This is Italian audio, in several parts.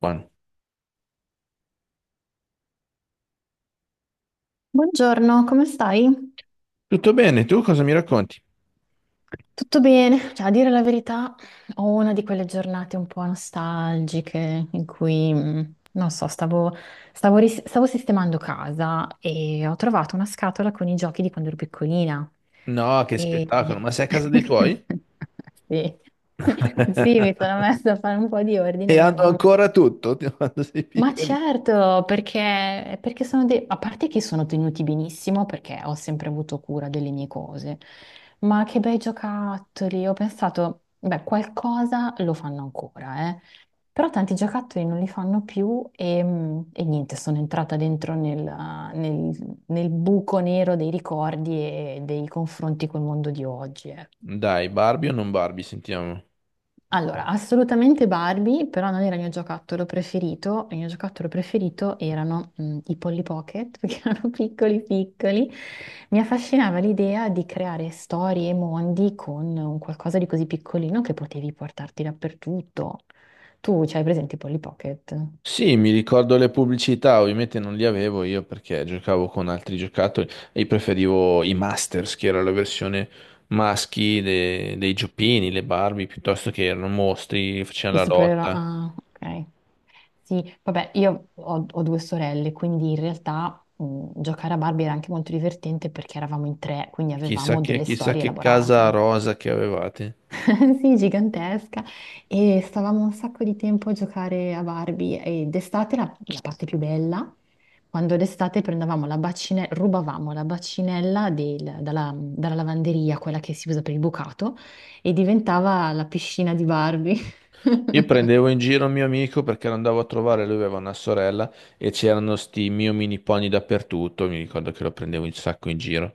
Buono. Buongiorno, come stai? Tutto bene, tu cosa mi racconti? Tutto bene? Cioè, a dire la verità, ho una di quelle giornate un po' nostalgiche in cui, non so, stavo sistemando casa e ho trovato una scatola con i giochi di quando ero piccolina. No, che E. spettacolo, ma sei a casa dei tuoi? Sì. Sì, mi sono messa a fare un po' di ordine E e mia hanno mamma. ancora tutto, di quando sei Ma piccoli. certo, perché A parte che sono tenuti benissimo perché ho sempre avuto cura delle mie cose, ma che bei giocattoli! Ho pensato, beh, qualcosa lo fanno ancora, eh. Però tanti giocattoli non li fanno più e, e niente, sono entrata dentro nel buco nero dei ricordi e dei confronti col mondo di oggi, ecco. Dai, Barbie o non Barbie, sentiamo. Allora, assolutamente Barbie, però non era il mio giocattolo preferito. Il mio giocattolo preferito erano i Polly Pocket, perché erano piccoli piccoli. Mi affascinava l'idea di creare storie e mondi con un qualcosa di così piccolino che potevi portarti dappertutto. Tu c'hai presente i Polly Pocket? Sì, mi ricordo le pubblicità, ovviamente non li avevo io perché giocavo con altri giocattoli e io preferivo i Masters, che era la versione maschi dei giochini, le Barbie, piuttosto che erano mostri, facevano I la supereroi? lotta. Ah, ok. Sì, vabbè, io ho due sorelle, quindi in realtà giocare a Barbie era anche molto divertente perché eravamo in tre, quindi avevamo delle Chissà storie che casa elaborate. rosa che avevate. Sì, gigantesca, e stavamo un sacco di tempo a giocare a Barbie, e d'estate la parte più bella, quando d'estate prendevamo la bacinella, rubavamo la bacinella dalla lavanderia, quella che si usa per il bucato, e diventava la piscina di Barbie. Io prendevo in giro un mio amico perché lo andavo a trovare, lui aveva una sorella e c'erano sti mio mini pony dappertutto, mi ricordo che lo prendevo un sacco in giro.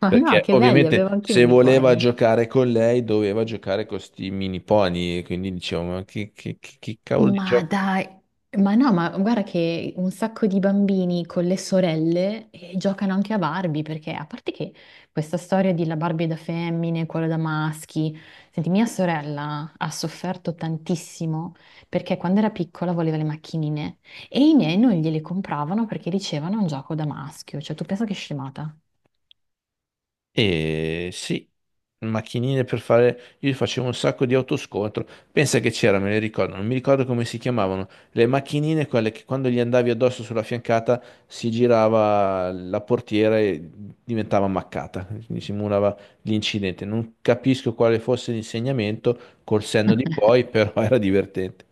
Ma no, Perché che belli, avevo ovviamente anche i se voleva uniformi. giocare con lei doveva giocare con sti mini pony, e quindi dicevo, che cavolo di Ma gioco? dai, ma no, ma guarda che un sacco di bambini con le sorelle giocano anche a Barbie, perché a parte che questa storia di la Barbie da femmine, quella da maschi, senti, mia sorella ha sofferto tantissimo perché quando era piccola voleva le macchinine e i miei non gliele compravano perché dicevano è un gioco da maschio, cioè tu pensa che scemata. E sì, macchinine per fare... Io facevo un sacco di autoscontro. Pensa che c'era, me le ricordo, non mi ricordo come si chiamavano. Le macchinine, quelle che quando gli andavi addosso sulla fiancata si girava la portiera e diventava ammaccata. Quindi simulava l'incidente. Non capisco quale fosse l'insegnamento col senno di poi, però era divertente.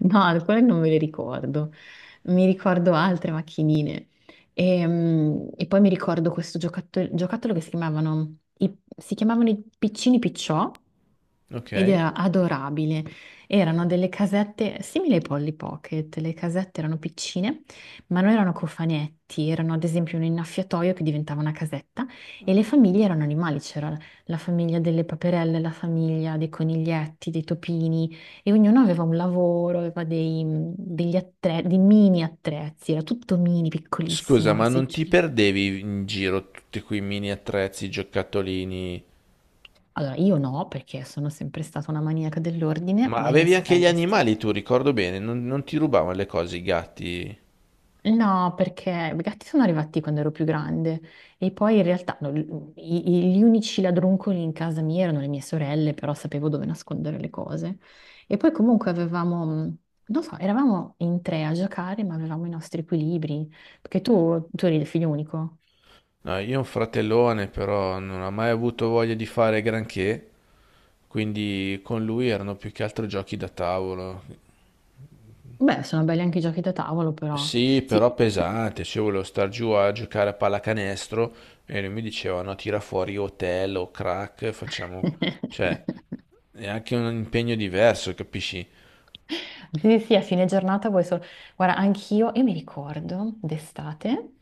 No, alcune non me le ricordo. Mi ricordo altre macchinine. E, e poi mi ricordo questo giocattolo che si chiamavano i piccini picciò, ed Ok. era adorabile. Erano delle casette simili ai Polly Pocket. Le casette erano piccine, ma non erano cofanetti, erano ad esempio un innaffiatoio che diventava una casetta, e le famiglie erano animali. C'era la famiglia delle paperelle, la famiglia dei coniglietti, dei topini. E ognuno aveva un lavoro, aveva dei mini attrezzi, era tutto mini, Scusa, piccolissimo, il ma non ti seggiolino. perdevi in giro tutti quei mini attrezzi, giocattolini? Allora, io no, perché sono sempre stata una maniaca dell'ordine, Ma e mie avevi anche gli sorelle sì. animali tu, ricordo bene, non, non ti rubavano le cose i gatti. No, perché i gatti sono arrivati quando ero più grande, e poi in realtà no, gli unici ladruncoli in casa mia erano le mie sorelle, però sapevo dove nascondere le cose. E poi comunque avevamo, non so, eravamo in tre a giocare, ma avevamo i nostri equilibri, perché tu eri il figlio unico. No, io ho un fratellone, però non ha mai avuto voglia di fare granché, quindi con lui erano più che altro giochi da tavolo. Beh, sono belli anche i giochi da tavolo, però. Sì, Sì. però pesante, cioè io volevo star giù a giocare a pallacanestro e lui mi diceva no, tira fuori hotel o crack, facciamo... cioè è anche un impegno diverso, capisci? Sì, sì, sì, a fine giornata vuoi solo. Guarda, anch'io, io mi ricordo d'estate,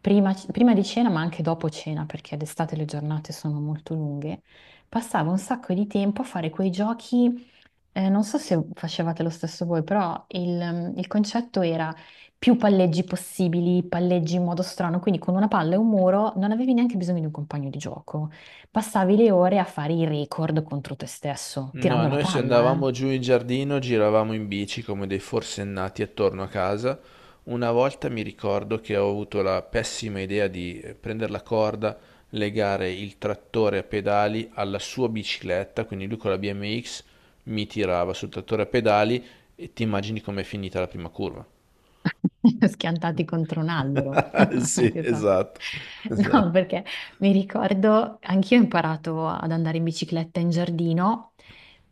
prima di cena, ma anche dopo cena, perché d'estate le giornate sono molto lunghe, passavo un sacco di tempo a fare quei giochi, non so se facevate lo stesso voi, però il concetto era più palleggi possibili, palleggi in modo strano, quindi con una palla e un muro non avevi neanche bisogno di un compagno di gioco, passavi le ore a fare i record contro te stesso, No, tirando la noi se palla, andavamo eh. giù in giardino giravamo in bici come dei forsennati attorno a casa. Una volta mi ricordo che ho avuto la pessima idea di prendere la corda, legare il trattore a pedali alla sua bicicletta, quindi lui con la BMX mi tirava sul trattore a pedali e ti immagini com'è finita la prima curva. Schiantati contro un albero. Sì, Esatto. esatto, No, esatto. perché mi ricordo, anch'io ho imparato ad andare in bicicletta in giardino,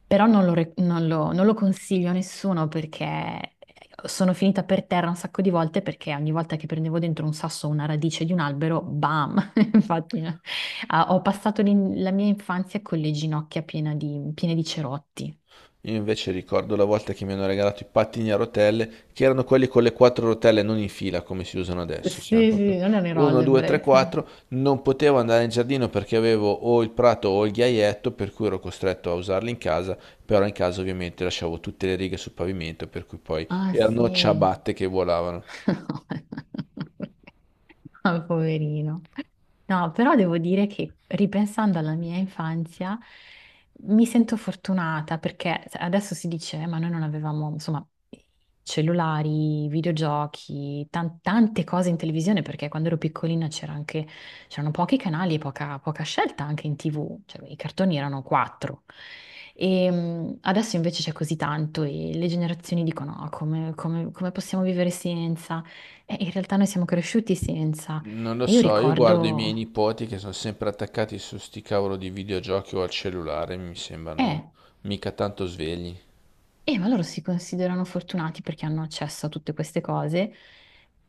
però non lo, re- non lo- non lo consiglio a nessuno perché sono finita per terra un sacco di volte, perché ogni volta che prendevo dentro un sasso o una radice di un albero, bam! Infatti, no. Ah, ho passato la mia infanzia con le ginocchia piene di cerotti. Io invece ricordo la volta che mi hanno regalato i pattini a rotelle, che erano quelli con le quattro rotelle non in fila come si usano Sì, adesso, c'erano proprio sì, non ero 1, 2, 3, all'ebbrezza. 4, non potevo andare in giardino perché avevo o il prato o il ghiaietto, per cui ero costretto a usarli in casa, però in casa ovviamente lasciavo tutte le righe sul pavimento, per cui poi Ah, erano sì. ciabatte che volavano. Ah, poverino. No, però devo dire che ripensando alla mia infanzia mi sento fortunata, perché adesso si dice, ma noi non avevamo, insomma, cellulari, videogiochi, tante cose in televisione, perché quando ero piccolina c'era anche, c'erano pochi canali e poca scelta anche in TV, cioè i cartoni erano quattro. E adesso invece c'è così tanto, e le generazioni dicono: "No, come, come possiamo vivere senza? E in realtà noi siamo cresciuti senza. Non lo E io so, io guardo i miei ricordo, nipoti che sono sempre attaccati su sti cavolo di videogiochi o al cellulare, mi sembrano eh, mica tanto svegli. Ma loro si considerano fortunati perché hanno accesso a tutte queste cose,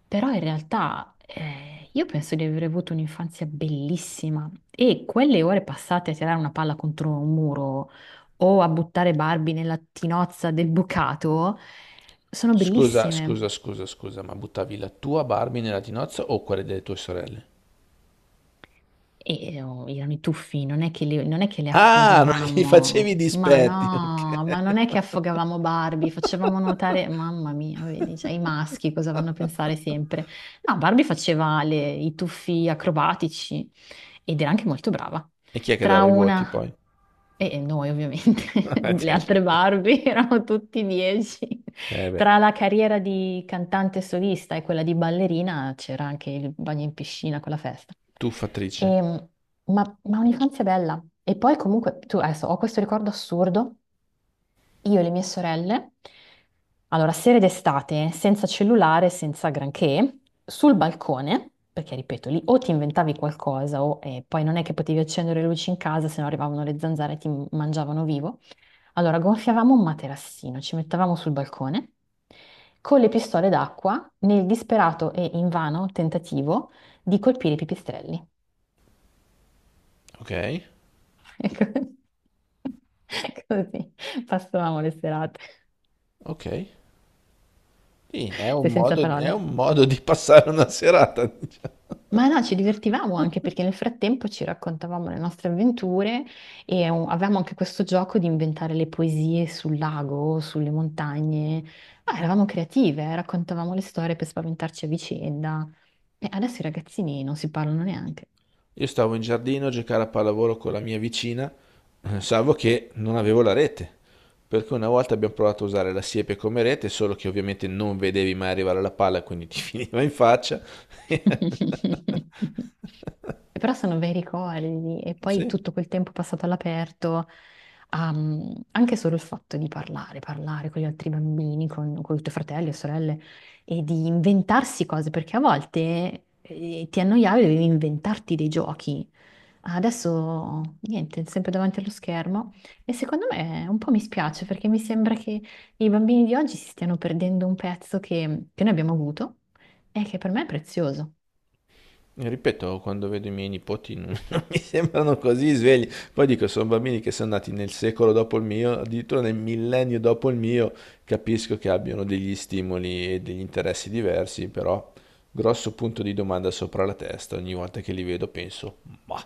però in realtà io penso di aver avuto un'infanzia bellissima, e quelle ore passate a tirare una palla contro un muro o a buttare Barbie nella tinozza del bucato sono Scusa, bellissime. scusa, scusa, scusa, ma buttavi la tua Barbie nella tinozza o quella delle tue sorelle? E oh, erano i tuffi, non è che le Ah, non gli affogavamo, facevi ma dispetti, ok. no, ma non è che affogavamo Barbie, facevamo nuotare, mamma mia, vedi, cioè, i maschi cosa vanno a pensare sempre? No, Barbie faceva i tuffi acrobatici, ed era anche molto brava. E chi è che Tra dava i voti una, poi? e noi ovviamente, le Cioè, altre Barbie erano tutti dieci. eh beh, Tra la carriera di cantante solista e quella di ballerina c'era anche il bagno in piscina con la festa. tuffatrice. E, ma un'infanzia bella. E poi comunque, tu adesso ho questo ricordo assurdo, io e le mie sorelle, allora sere d'estate, senza cellulare, senza granché, sul balcone, perché ripeto, lì o ti inventavi qualcosa o poi non è che potevi accendere le luci in casa, se no arrivavano le zanzare e ti mangiavano vivo. Allora gonfiavamo un materassino, ci mettevamo sul balcone con le pistole d'acqua nel disperato e invano tentativo di colpire i pipistrelli. Ok, Ecco. Così passavamo le serate. ok. Sì, Sei senza è parole. un modo di passare una serata. Ma no, ci divertivamo anche perché nel frattempo ci raccontavamo le nostre avventure, e avevamo anche questo gioco di inventare le poesie sul lago, sulle montagne. Ah, eravamo creative, raccontavamo le storie per spaventarci a vicenda. E adesso i ragazzini non si parlano neanche. Io stavo in giardino a giocare a pallavolo con la mia vicina, salvo che non avevo la rete. Per cui una volta abbiamo provato a usare la siepe come rete, solo che ovviamente non vedevi mai arrivare la palla, quindi ti finiva in faccia. E però sono bei ricordi, e poi Sì, tutto quel tempo passato all'aperto, anche solo il fatto di parlare, parlare con gli altri bambini, con i tuoi fratelli e sorelle, e di inventarsi cose, perché a volte ti annoiavi e dovevi inventarti dei giochi. Adesso niente, sempre davanti allo schermo, e secondo me un po' mi spiace, perché mi sembra che i bambini di oggi si stiano perdendo un pezzo che noi abbiamo avuto, e che per me è prezioso. ripeto, quando vedo i miei nipoti non, non mi sembrano così svegli. Poi dico, sono bambini che sono nati nel secolo dopo il mio, addirittura nel millennio dopo il mio, capisco che abbiano degli stimoli e degli interessi diversi, però grosso punto di domanda sopra la testa, ogni volta che li vedo penso, ma...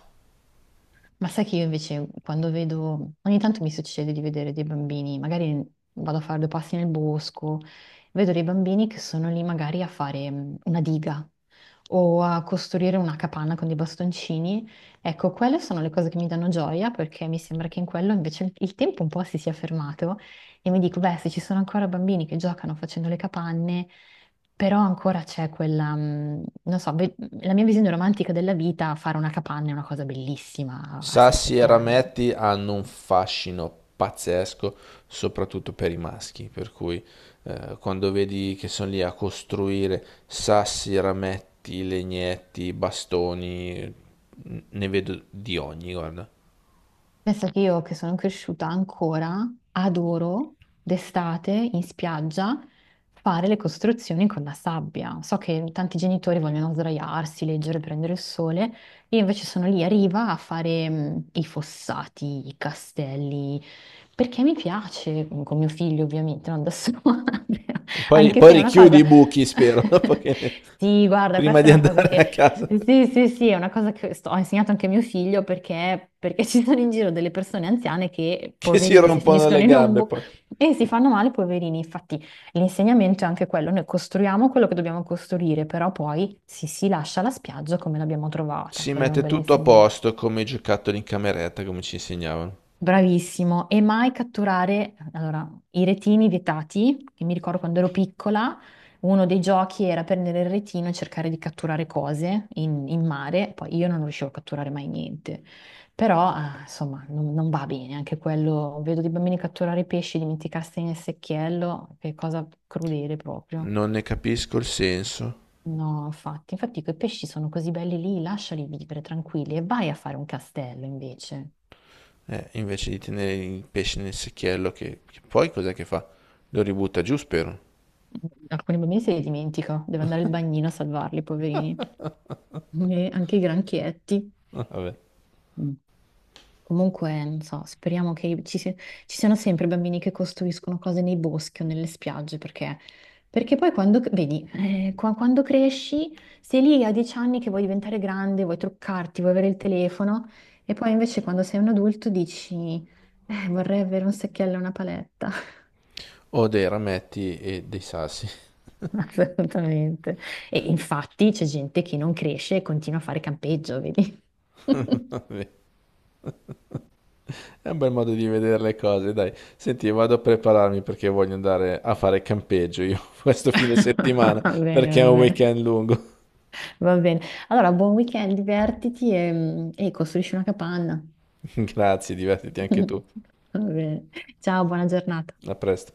Ma sai che io invece quando vedo, ogni tanto mi succede di vedere dei bambini, magari vado a fare due passi nel bosco, vedo dei bambini che sono lì magari a fare una diga o a costruire una capanna con dei bastoncini. Ecco, quelle sono le cose che mi danno gioia, perché mi sembra che in quello invece il tempo un po' si sia fermato, e mi dico, beh, se ci sono ancora bambini che giocano facendo le capanne. Però ancora c'è quella, non so, la mia visione romantica della vita, fare una capanna è una cosa bellissima a Sassi e 6-7 anni. rametti hanno un fascino pazzesco, soprattutto per i maschi, per cui quando vedi che sono lì a costruire sassi, rametti, legnetti, bastoni, ne vedo di ogni, guarda. Pensa che io, che sono cresciuta ancora, adoro d'estate in spiaggia fare le costruzioni con la sabbia. So che tanti genitori vogliono sdraiarsi, leggere, prendere il sole, io invece sono lì a riva a fare i fossati, i castelli, perché mi piace, con mio figlio ovviamente, non da sola, Poi, ma poi anche perché? se è una Richiudi i, cosa. vabbè, buchi, spero, perché Sì, guarda, prima questa di è una cosa andare che. a casa, Sì, sì, sì, è una cosa che ho insegnato anche a mio figlio, perché ci sono in giro delle persone anziane che, che si poverine, si rompono le, finiscono ok, in un gambe buco poi. e si fanno male, poverini. Infatti, l'insegnamento è anche quello, noi costruiamo quello che dobbiamo costruire, però poi si lascia la spiaggia come l'abbiamo trovata. Si Quello è un mette bel. tutto a posto come i giocattoli in cameretta, come ci insegnavano. Bravissimo, e mai catturare, allora, i retini vietati, che mi ricordo quando ero piccola, uno dei giochi era prendere il retino e cercare di catturare cose in mare, poi io non riuscivo a catturare mai niente, però ah, insomma non va bene anche quello, vedo dei bambini catturare pesci, dimenticarsi nel secchiello, che cosa crudele proprio. Non ne capisco il senso. No, infatti quei pesci sono così belli lì, lasciali vivere tranquilli e vai a fare un castello invece. Invece di tenere il pesce nel secchiello, che poi cos'è che fa? Lo ributta giù, spero. Alcuni bambini se li dimentica, deve andare al bagnino a salvarli, poverini. E anche i granchietti. Ah, vabbè. Mm. Comunque, non so, speriamo che ci siano sempre bambini che costruiscono cose nei boschi o nelle spiagge, perché poi quando, vedi, quando cresci, sei lì a 10 anni che vuoi diventare grande, vuoi truccarti, vuoi avere il telefono, e poi invece quando sei un adulto dici, vorrei avere un secchiello e una paletta. O dei rametti e dei sassi. Assolutamente. E infatti c'è gente che non cresce e continua a fare campeggio, vedi? Vabbè. È un bel modo di vedere le cose, dai. Senti, vado a prepararmi perché voglio andare a fare campeggio io questo fine settimana, Va bene, perché è va un bene, weekend lungo. va bene. Allora, buon weekend, divertiti e, e costruisci una capanna. Grazie, divertiti anche tu. Va bene. Ciao, buona giornata. A presto.